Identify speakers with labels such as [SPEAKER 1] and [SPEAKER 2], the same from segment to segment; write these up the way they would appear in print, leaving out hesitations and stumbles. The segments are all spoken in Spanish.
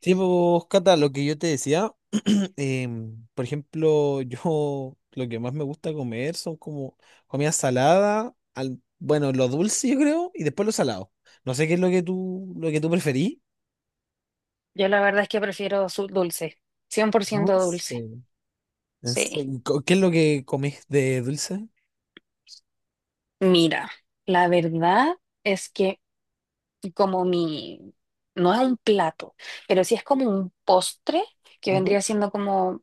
[SPEAKER 1] Sí, pues, Cata, lo que yo te decía, por ejemplo, yo lo que más me gusta comer son como comida salada, bueno, lo dulce yo creo, y después lo salado. No sé qué es lo que tú preferís.
[SPEAKER 2] Yo la verdad es que prefiero dulce, cien por ciento
[SPEAKER 1] Dulce.
[SPEAKER 2] dulce.
[SPEAKER 1] En
[SPEAKER 2] Sí.
[SPEAKER 1] serio, ¿Qué es lo que comés de dulce?
[SPEAKER 2] Mira, la verdad es que como mi, no es un plato, pero sí es como un postre que
[SPEAKER 1] Ujú.
[SPEAKER 2] vendría siendo como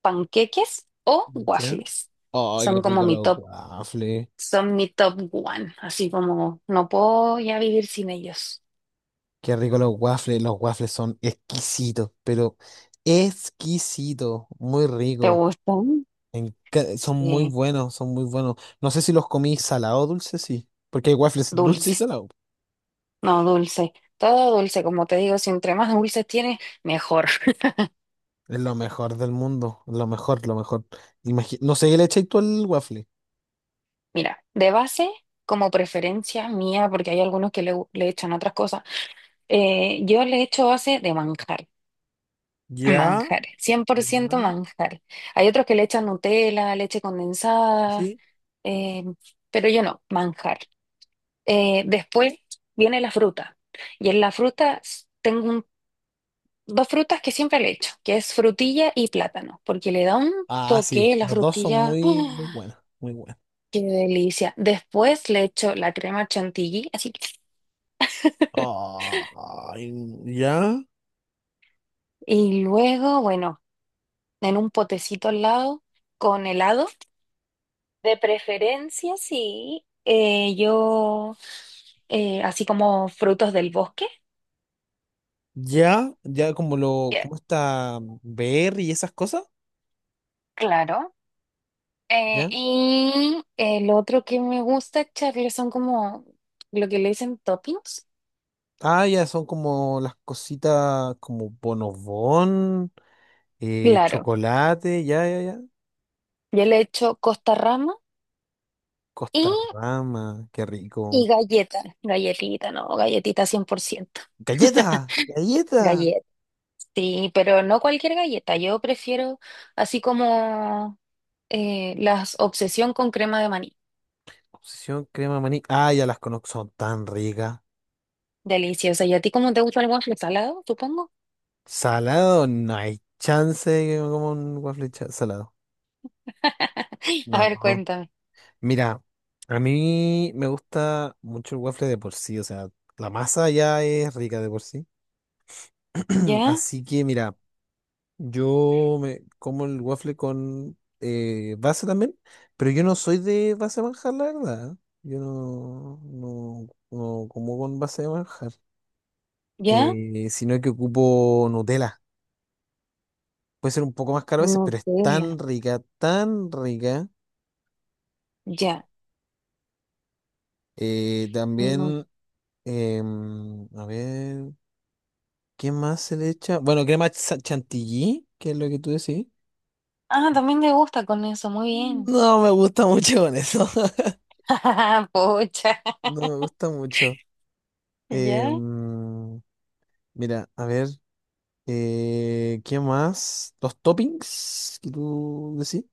[SPEAKER 2] panqueques o
[SPEAKER 1] ¿Ya?
[SPEAKER 2] waffles.
[SPEAKER 1] Oh, qué
[SPEAKER 2] Son como
[SPEAKER 1] rico
[SPEAKER 2] mi
[SPEAKER 1] los
[SPEAKER 2] top,
[SPEAKER 1] waffles.
[SPEAKER 2] son mi top one, así como no puedo ya vivir sin ellos.
[SPEAKER 1] Qué rico los waffles. Los waffles son exquisitos, pero exquisitos. Muy
[SPEAKER 2] ¿Te
[SPEAKER 1] ricos.
[SPEAKER 2] gustan?
[SPEAKER 1] Son muy
[SPEAKER 2] Sí,
[SPEAKER 1] buenos, son muy buenos. No sé si los comí salado o dulce, sí. Porque hay waffles dulce y
[SPEAKER 2] dulce,
[SPEAKER 1] salado.
[SPEAKER 2] no dulce, todo dulce, como te digo, si entre más dulces tienes, mejor.
[SPEAKER 1] Es lo mejor del mundo. Lo mejor, lo mejor. No sé qué le echáis tú al waffle.
[SPEAKER 2] Mira, de base, como preferencia mía, porque hay algunos que le echan otras cosas, yo le echo base de manjar,
[SPEAKER 1] Ya,
[SPEAKER 2] manjar, cien por ciento
[SPEAKER 1] ya,
[SPEAKER 2] manjar. Hay otros que le echan Nutella, leche condensada,
[SPEAKER 1] sí.
[SPEAKER 2] eh, pero yo no, manjar. Después viene la fruta, y en la fruta tengo dos frutas que siempre le echo, que es frutilla y plátano, porque le da un
[SPEAKER 1] Ah, sí.
[SPEAKER 2] toque la
[SPEAKER 1] Los dos son
[SPEAKER 2] frutilla.
[SPEAKER 1] muy, muy
[SPEAKER 2] ¡Ah!
[SPEAKER 1] buenos. Muy buenos.
[SPEAKER 2] Qué delicia. Después le echo la crema chantilly, así.
[SPEAKER 1] Ay, ya,
[SPEAKER 2] Y luego, bueno, en un potecito al lado, con helado, de preferencia, sí. Yo, así como frutos del bosque,
[SPEAKER 1] ya. Ya como lo,
[SPEAKER 2] que-
[SPEAKER 1] como está Berry y esas cosas,
[SPEAKER 2] claro. Eh,
[SPEAKER 1] ¿ya?
[SPEAKER 2] y el otro que me gusta echarle son como lo que le dicen toppings.
[SPEAKER 1] Ah, ya son como las cositas como bonobón.
[SPEAKER 2] Claro,
[SPEAKER 1] Chocolate, ya, ya, ya.
[SPEAKER 2] yo le echo costa rama y,
[SPEAKER 1] Costarrama, qué rico.
[SPEAKER 2] galleta, galletita, no, galletita
[SPEAKER 1] ¡Galleta! ¡Galleta!
[SPEAKER 2] 100%. Sí, pero no cualquier galleta. Yo prefiero así como las obsesión con crema de maní.
[SPEAKER 1] Obsesión, crema, maní. Ah, ya las conozco, son tan ricas.
[SPEAKER 2] Deliciosa. ¿Y a ti cómo te gusta el waffle salado, supongo?
[SPEAKER 1] Salado, no hay chance de que me coma un waffle salado.
[SPEAKER 2] A
[SPEAKER 1] No.
[SPEAKER 2] ver,
[SPEAKER 1] No.
[SPEAKER 2] cuéntame.
[SPEAKER 1] Mira, a mí me gusta mucho el waffle de por sí, o sea, la masa ya es rica de por sí.
[SPEAKER 2] ¿Ya?
[SPEAKER 1] Así que, mira. Yo me como el waffle con base también, pero yo no soy de base de manjar, la verdad. Yo no como con base de manjar,
[SPEAKER 2] ¿Ya?
[SPEAKER 1] sino que ocupo Nutella. Puede ser un poco más caro a veces, pero es
[SPEAKER 2] Nutella.
[SPEAKER 1] tan rica, tan rica.
[SPEAKER 2] Ya. Nu-
[SPEAKER 1] También, a ver, ¿qué más se le echa? Bueno, crema chantilly, que es lo que tú decís.
[SPEAKER 2] Ah, también me gusta con eso. Muy bien.
[SPEAKER 1] No me gusta mucho con eso.
[SPEAKER 2] Pucha.
[SPEAKER 1] No me gusta mucho.
[SPEAKER 2] ¿Ya?
[SPEAKER 1] Em, Mira, a ver, ¿qué más? Los toppings que tú decís.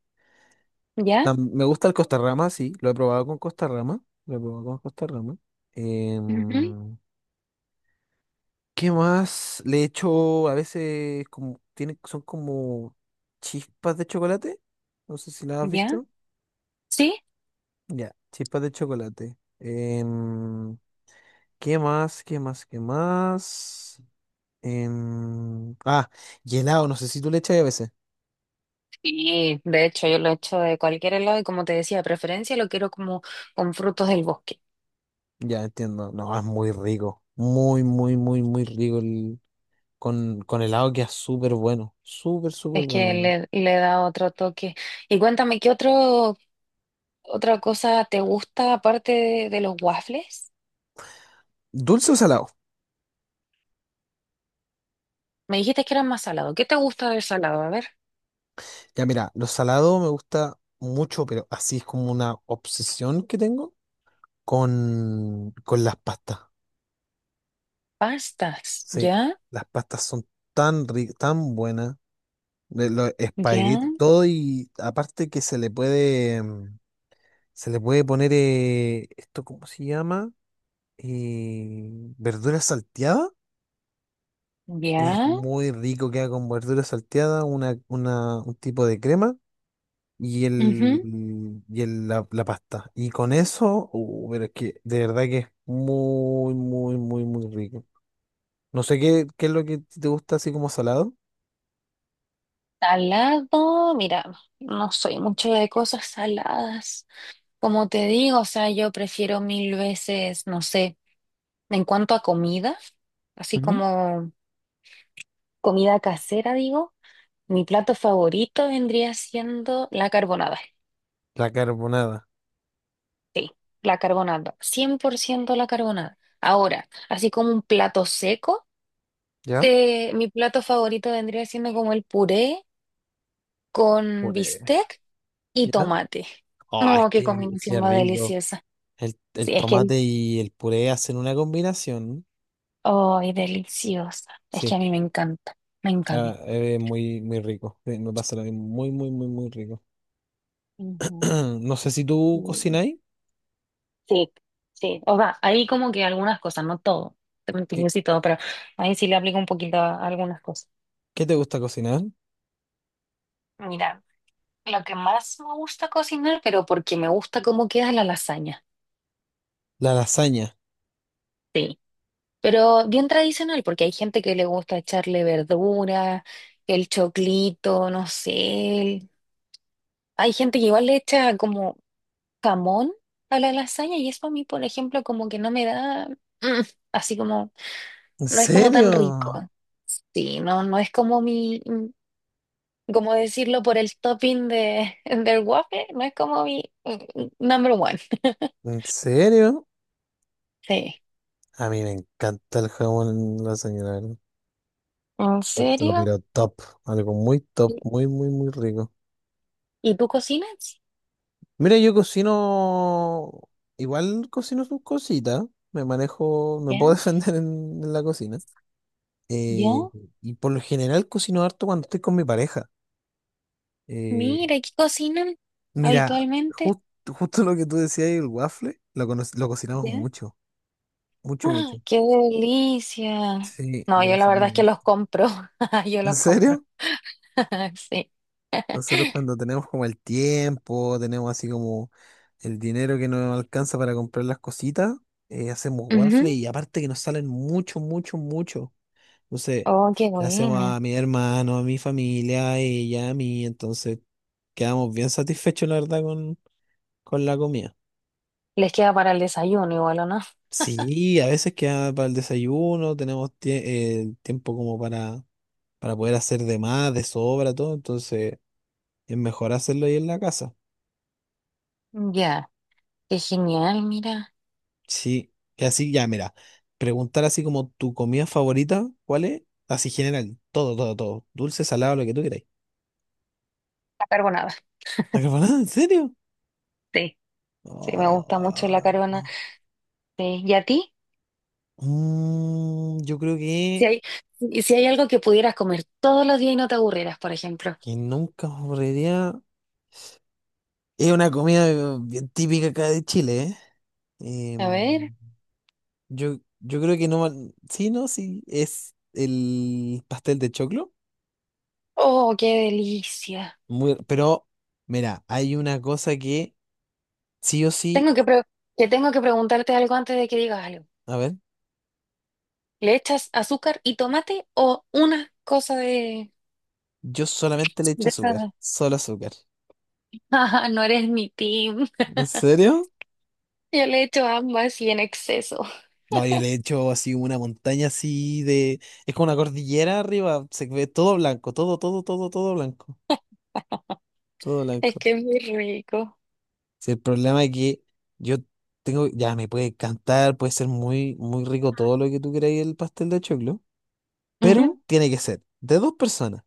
[SPEAKER 2] ¿Ya?
[SPEAKER 1] Me gusta el Costarrama, sí, lo he probado con Costarrama. Lo he probado con Costarrama.
[SPEAKER 2] Ujú.
[SPEAKER 1] Em, ¿Qué más? Le echo a veces como, tiene, son como chispas de chocolate. No sé si las has
[SPEAKER 2] ¿Ya?
[SPEAKER 1] visto.
[SPEAKER 2] ¿Sí?
[SPEAKER 1] Ya, chispas de chocolate. ¿Qué más? ¿Qué más? ¿Qué más? Em, ah, y helado, no sé si tú le echas a veces.
[SPEAKER 2] Sí, de hecho yo lo he hecho de cualquier helado y como te decía, de preferencia lo quiero como con frutos del bosque.
[SPEAKER 1] Ya entiendo. No, es muy rico. Muy, muy, muy, muy rico el... con helado queda súper bueno. Súper, súper
[SPEAKER 2] Es que
[SPEAKER 1] bueno. ¿No?
[SPEAKER 2] le da otro toque. Y cuéntame, ¿qué otro, otra cosa te gusta aparte de los waffles?
[SPEAKER 1] ¿Dulce o salado?
[SPEAKER 2] Me dijiste que eran más salados. ¿Qué te gusta del salado? A ver,
[SPEAKER 1] Ya mira, lo salado me gusta mucho, pero así es como una obsesión que tengo con las pastas.
[SPEAKER 2] pastas.
[SPEAKER 1] Sí,
[SPEAKER 2] ¿Ya?
[SPEAKER 1] las pastas son tan ricas, tan buenas. De los
[SPEAKER 2] ¿Ya?
[SPEAKER 1] espaguetis, todo y aparte que se le puede, se le puede poner esto, ¿cómo se llama? Eh, verduras salteadas. Es
[SPEAKER 2] ¿Ya?
[SPEAKER 1] muy rico, queda con verdura salteada, un tipo de crema y,
[SPEAKER 2] Ujú.
[SPEAKER 1] y la pasta. Y con eso, pero es que de verdad que es muy, muy, muy, muy rico. No sé qué es lo que te gusta así como salado.
[SPEAKER 2] Salado, mira, no soy mucho de cosas saladas. Como te digo, o sea, yo prefiero mil veces, no sé, en cuanto a comida, así
[SPEAKER 1] Ujú.
[SPEAKER 2] como comida casera, digo. Mi plato favorito vendría siendo la carbonada.
[SPEAKER 1] La carbonada,
[SPEAKER 2] Sí, la carbonata, 100% la carbonada. Ahora, así como un plato seco,
[SPEAKER 1] ¿ya?
[SPEAKER 2] mi plato favorito vendría siendo como el puré con
[SPEAKER 1] Puré,
[SPEAKER 2] bistec y
[SPEAKER 1] ¿ya?
[SPEAKER 2] tomate.
[SPEAKER 1] Oh, es
[SPEAKER 2] No, qué
[SPEAKER 1] que,
[SPEAKER 2] combinación
[SPEAKER 1] qué
[SPEAKER 2] más
[SPEAKER 1] rico.
[SPEAKER 2] deliciosa.
[SPEAKER 1] El
[SPEAKER 2] Sí, es que,
[SPEAKER 1] tomate y el puré hacen una combinación.
[SPEAKER 2] ay, deliciosa. Es que a
[SPEAKER 1] Sí,
[SPEAKER 2] mí me encanta, me
[SPEAKER 1] ah,
[SPEAKER 2] encanta.
[SPEAKER 1] es muy, muy rico. Sí, me pasa lo mismo, muy, muy, muy, muy rico.
[SPEAKER 2] Ujú.
[SPEAKER 1] No sé si tú
[SPEAKER 2] Mm,
[SPEAKER 1] cocináis.
[SPEAKER 2] sí, sí. O sea, ahí como que algunas cosas, no todo. Te mentiría
[SPEAKER 1] ¿Qué,
[SPEAKER 2] si todo, pero ahí sí le aplico un poquito a algunas cosas.
[SPEAKER 1] qué te gusta cocinar?
[SPEAKER 2] Mira. Lo que más me gusta cocinar, pero porque me gusta cómo queda la lasaña.
[SPEAKER 1] La lasaña.
[SPEAKER 2] Sí. Pero bien tradicional, porque hay gente que le gusta echarle verdura, el choclito, no sé. Hay gente que igual le echa como jamón a la lasaña y eso a mí, por ejemplo, como que no me da, mm, así como,
[SPEAKER 1] ¿En
[SPEAKER 2] no es como tan rico.
[SPEAKER 1] serio?
[SPEAKER 2] Sí, no, no es como mi, como decirlo por el topping de, del waffle, no es como mi number one.
[SPEAKER 1] ¿En serio?
[SPEAKER 2] Sí.
[SPEAKER 1] A mí me encanta el jamón lasaña, la verdad.
[SPEAKER 2] ¿En
[SPEAKER 1] Encuentro,
[SPEAKER 2] serio?
[SPEAKER 1] pero top. Algo muy top,
[SPEAKER 2] ¿Y,
[SPEAKER 1] muy, muy, muy rico.
[SPEAKER 2] y tú cocinas?
[SPEAKER 1] Mira, yo cocino. Igual cocino sus cositas. Me manejo, me
[SPEAKER 2] ¿Ya?
[SPEAKER 1] puedo defender en la cocina.
[SPEAKER 2] ¿Ya?
[SPEAKER 1] Eh, y por lo general cocino harto cuando estoy con mi pareja. eh,
[SPEAKER 2] Mira, ¿qué cocinan
[SPEAKER 1] Mira,
[SPEAKER 2] habitualmente?
[SPEAKER 1] justo lo que tú decías, el waffle, lo cocinamos
[SPEAKER 2] ¿Ya?
[SPEAKER 1] mucho, mucho,
[SPEAKER 2] ¡Ah,
[SPEAKER 1] mucho.
[SPEAKER 2] qué delicia!
[SPEAKER 1] Sí,
[SPEAKER 2] No,
[SPEAKER 1] lo
[SPEAKER 2] yo la verdad es
[SPEAKER 1] cocinamos
[SPEAKER 2] que los
[SPEAKER 1] harto.
[SPEAKER 2] compro. Yo
[SPEAKER 1] ¿En
[SPEAKER 2] los compro.
[SPEAKER 1] serio?
[SPEAKER 2] Sí.
[SPEAKER 1] Nosotros cuando tenemos como el tiempo, tenemos así como el dinero que nos alcanza para comprar las cositas, hacemos waffle
[SPEAKER 2] Ujú.
[SPEAKER 1] y aparte que nos salen mucho, mucho, mucho. Entonces,
[SPEAKER 2] Oh, qué
[SPEAKER 1] le hacemos a
[SPEAKER 2] buena.
[SPEAKER 1] mi hermano, a mi familia, a ella, a mí, entonces quedamos bien satisfechos, la verdad, con la comida.
[SPEAKER 2] Les queda para el desayuno igual, ¿o no?
[SPEAKER 1] Sí, a veces queda para el desayuno, tenemos tiempo como para poder hacer de más, de sobra, todo, entonces es mejor hacerlo ahí en la casa.
[SPEAKER 2] Ya, qué genial, mira.
[SPEAKER 1] Sí, y así ya, mira, preguntar así como tu comida favorita, ¿cuál es? Así general, todo, todo, todo, dulce, salado, lo que tú queráis.
[SPEAKER 2] La carbonada,
[SPEAKER 1] ¿La carbonada? ¿En serio?
[SPEAKER 2] sí. Sí, me
[SPEAKER 1] Oh,
[SPEAKER 2] gusta mucho la
[SPEAKER 1] ah,
[SPEAKER 2] carbonada. Sí. ¿Y a ti?
[SPEAKER 1] yo creo
[SPEAKER 2] Si hay, si hay algo que pudieras comer todos los días y no te aburrieras, por ejemplo.
[SPEAKER 1] que nunca podría... Es una comida bien típica acá de Chile, ¿eh?
[SPEAKER 2] A ver.
[SPEAKER 1] Em, Yo, yo creo que no. Sí, no, sí. Es el pastel de choclo.
[SPEAKER 2] Oh, qué delicia.
[SPEAKER 1] Muy, pero, mira, hay una cosa que sí o
[SPEAKER 2] Tengo
[SPEAKER 1] sí.
[SPEAKER 2] que pre- Te tengo que preguntarte algo antes de que digas algo.
[SPEAKER 1] A ver,
[SPEAKER 2] ¿Le echas azúcar y tomate o una cosa de,
[SPEAKER 1] yo solamente le echo
[SPEAKER 2] de esa?
[SPEAKER 1] azúcar. Solo azúcar.
[SPEAKER 2] Ah, no eres mi team.
[SPEAKER 1] ¿En serio?
[SPEAKER 2] Yo le echo ambas y en exceso.
[SPEAKER 1] No, yo le echo así una montaña así de. Es como una cordillera arriba. Se ve todo blanco. Todo, todo, todo, todo blanco. Todo
[SPEAKER 2] Es
[SPEAKER 1] blanco.
[SPEAKER 2] que es muy rico.
[SPEAKER 1] Si el problema es que yo tengo. Ya me puede cantar, puede ser muy, muy rico todo lo que tú queráis el pastel de choclo.
[SPEAKER 2] Ujú,
[SPEAKER 1] Pero tiene que ser de dos personas.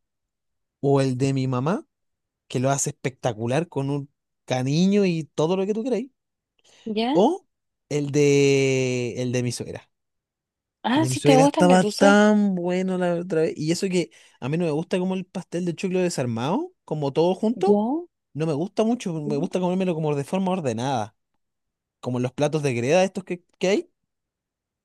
[SPEAKER 1] O el de mi mamá, que lo hace espectacular con un cariño y todo lo que tú queráis.
[SPEAKER 2] ¿ya?
[SPEAKER 1] O el de mi suegra. El
[SPEAKER 2] Ah,
[SPEAKER 1] de mi
[SPEAKER 2] sí te
[SPEAKER 1] suegra
[SPEAKER 2] gusta el de.
[SPEAKER 1] estaba tan bueno la otra vez. Y eso que a mí no me gusta como el pastel de choclo desarmado, como todo
[SPEAKER 2] ¿Ya?
[SPEAKER 1] junto. No me gusta mucho.
[SPEAKER 2] ¿Ya?
[SPEAKER 1] Me gusta comérmelo como de forma ordenada. Como en los platos de greda estos que hay.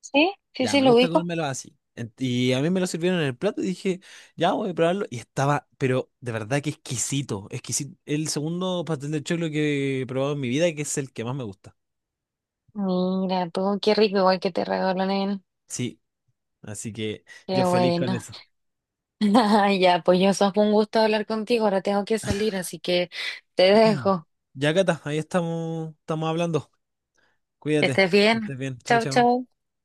[SPEAKER 2] ¿Sí? Sí,
[SPEAKER 1] Ya,
[SPEAKER 2] sí,
[SPEAKER 1] me
[SPEAKER 2] lo
[SPEAKER 1] gusta
[SPEAKER 2] ubico.
[SPEAKER 1] comérmelo así. Y a mí me lo sirvieron en el plato y dije, ya voy a probarlo. Y estaba, pero de verdad que exquisito, exquisito. El segundo pastel de choclo que he probado en mi vida, que es el que más me gusta.
[SPEAKER 2] Mira, tú, qué rico igual que te regaló, nen.
[SPEAKER 1] Sí, así que yo
[SPEAKER 2] Qué
[SPEAKER 1] feliz con
[SPEAKER 2] bueno.
[SPEAKER 1] eso.
[SPEAKER 2] Ya, pues yo, fue un gusto hablar contigo. Ahora tengo que salir, así que te dejo.
[SPEAKER 1] Ya, Cata, ahí estamos, estamos hablando.
[SPEAKER 2] Que
[SPEAKER 1] Cuídate,
[SPEAKER 2] estés
[SPEAKER 1] que
[SPEAKER 2] bien.
[SPEAKER 1] estés bien. Chao,
[SPEAKER 2] Chau,
[SPEAKER 1] chao.
[SPEAKER 2] chau.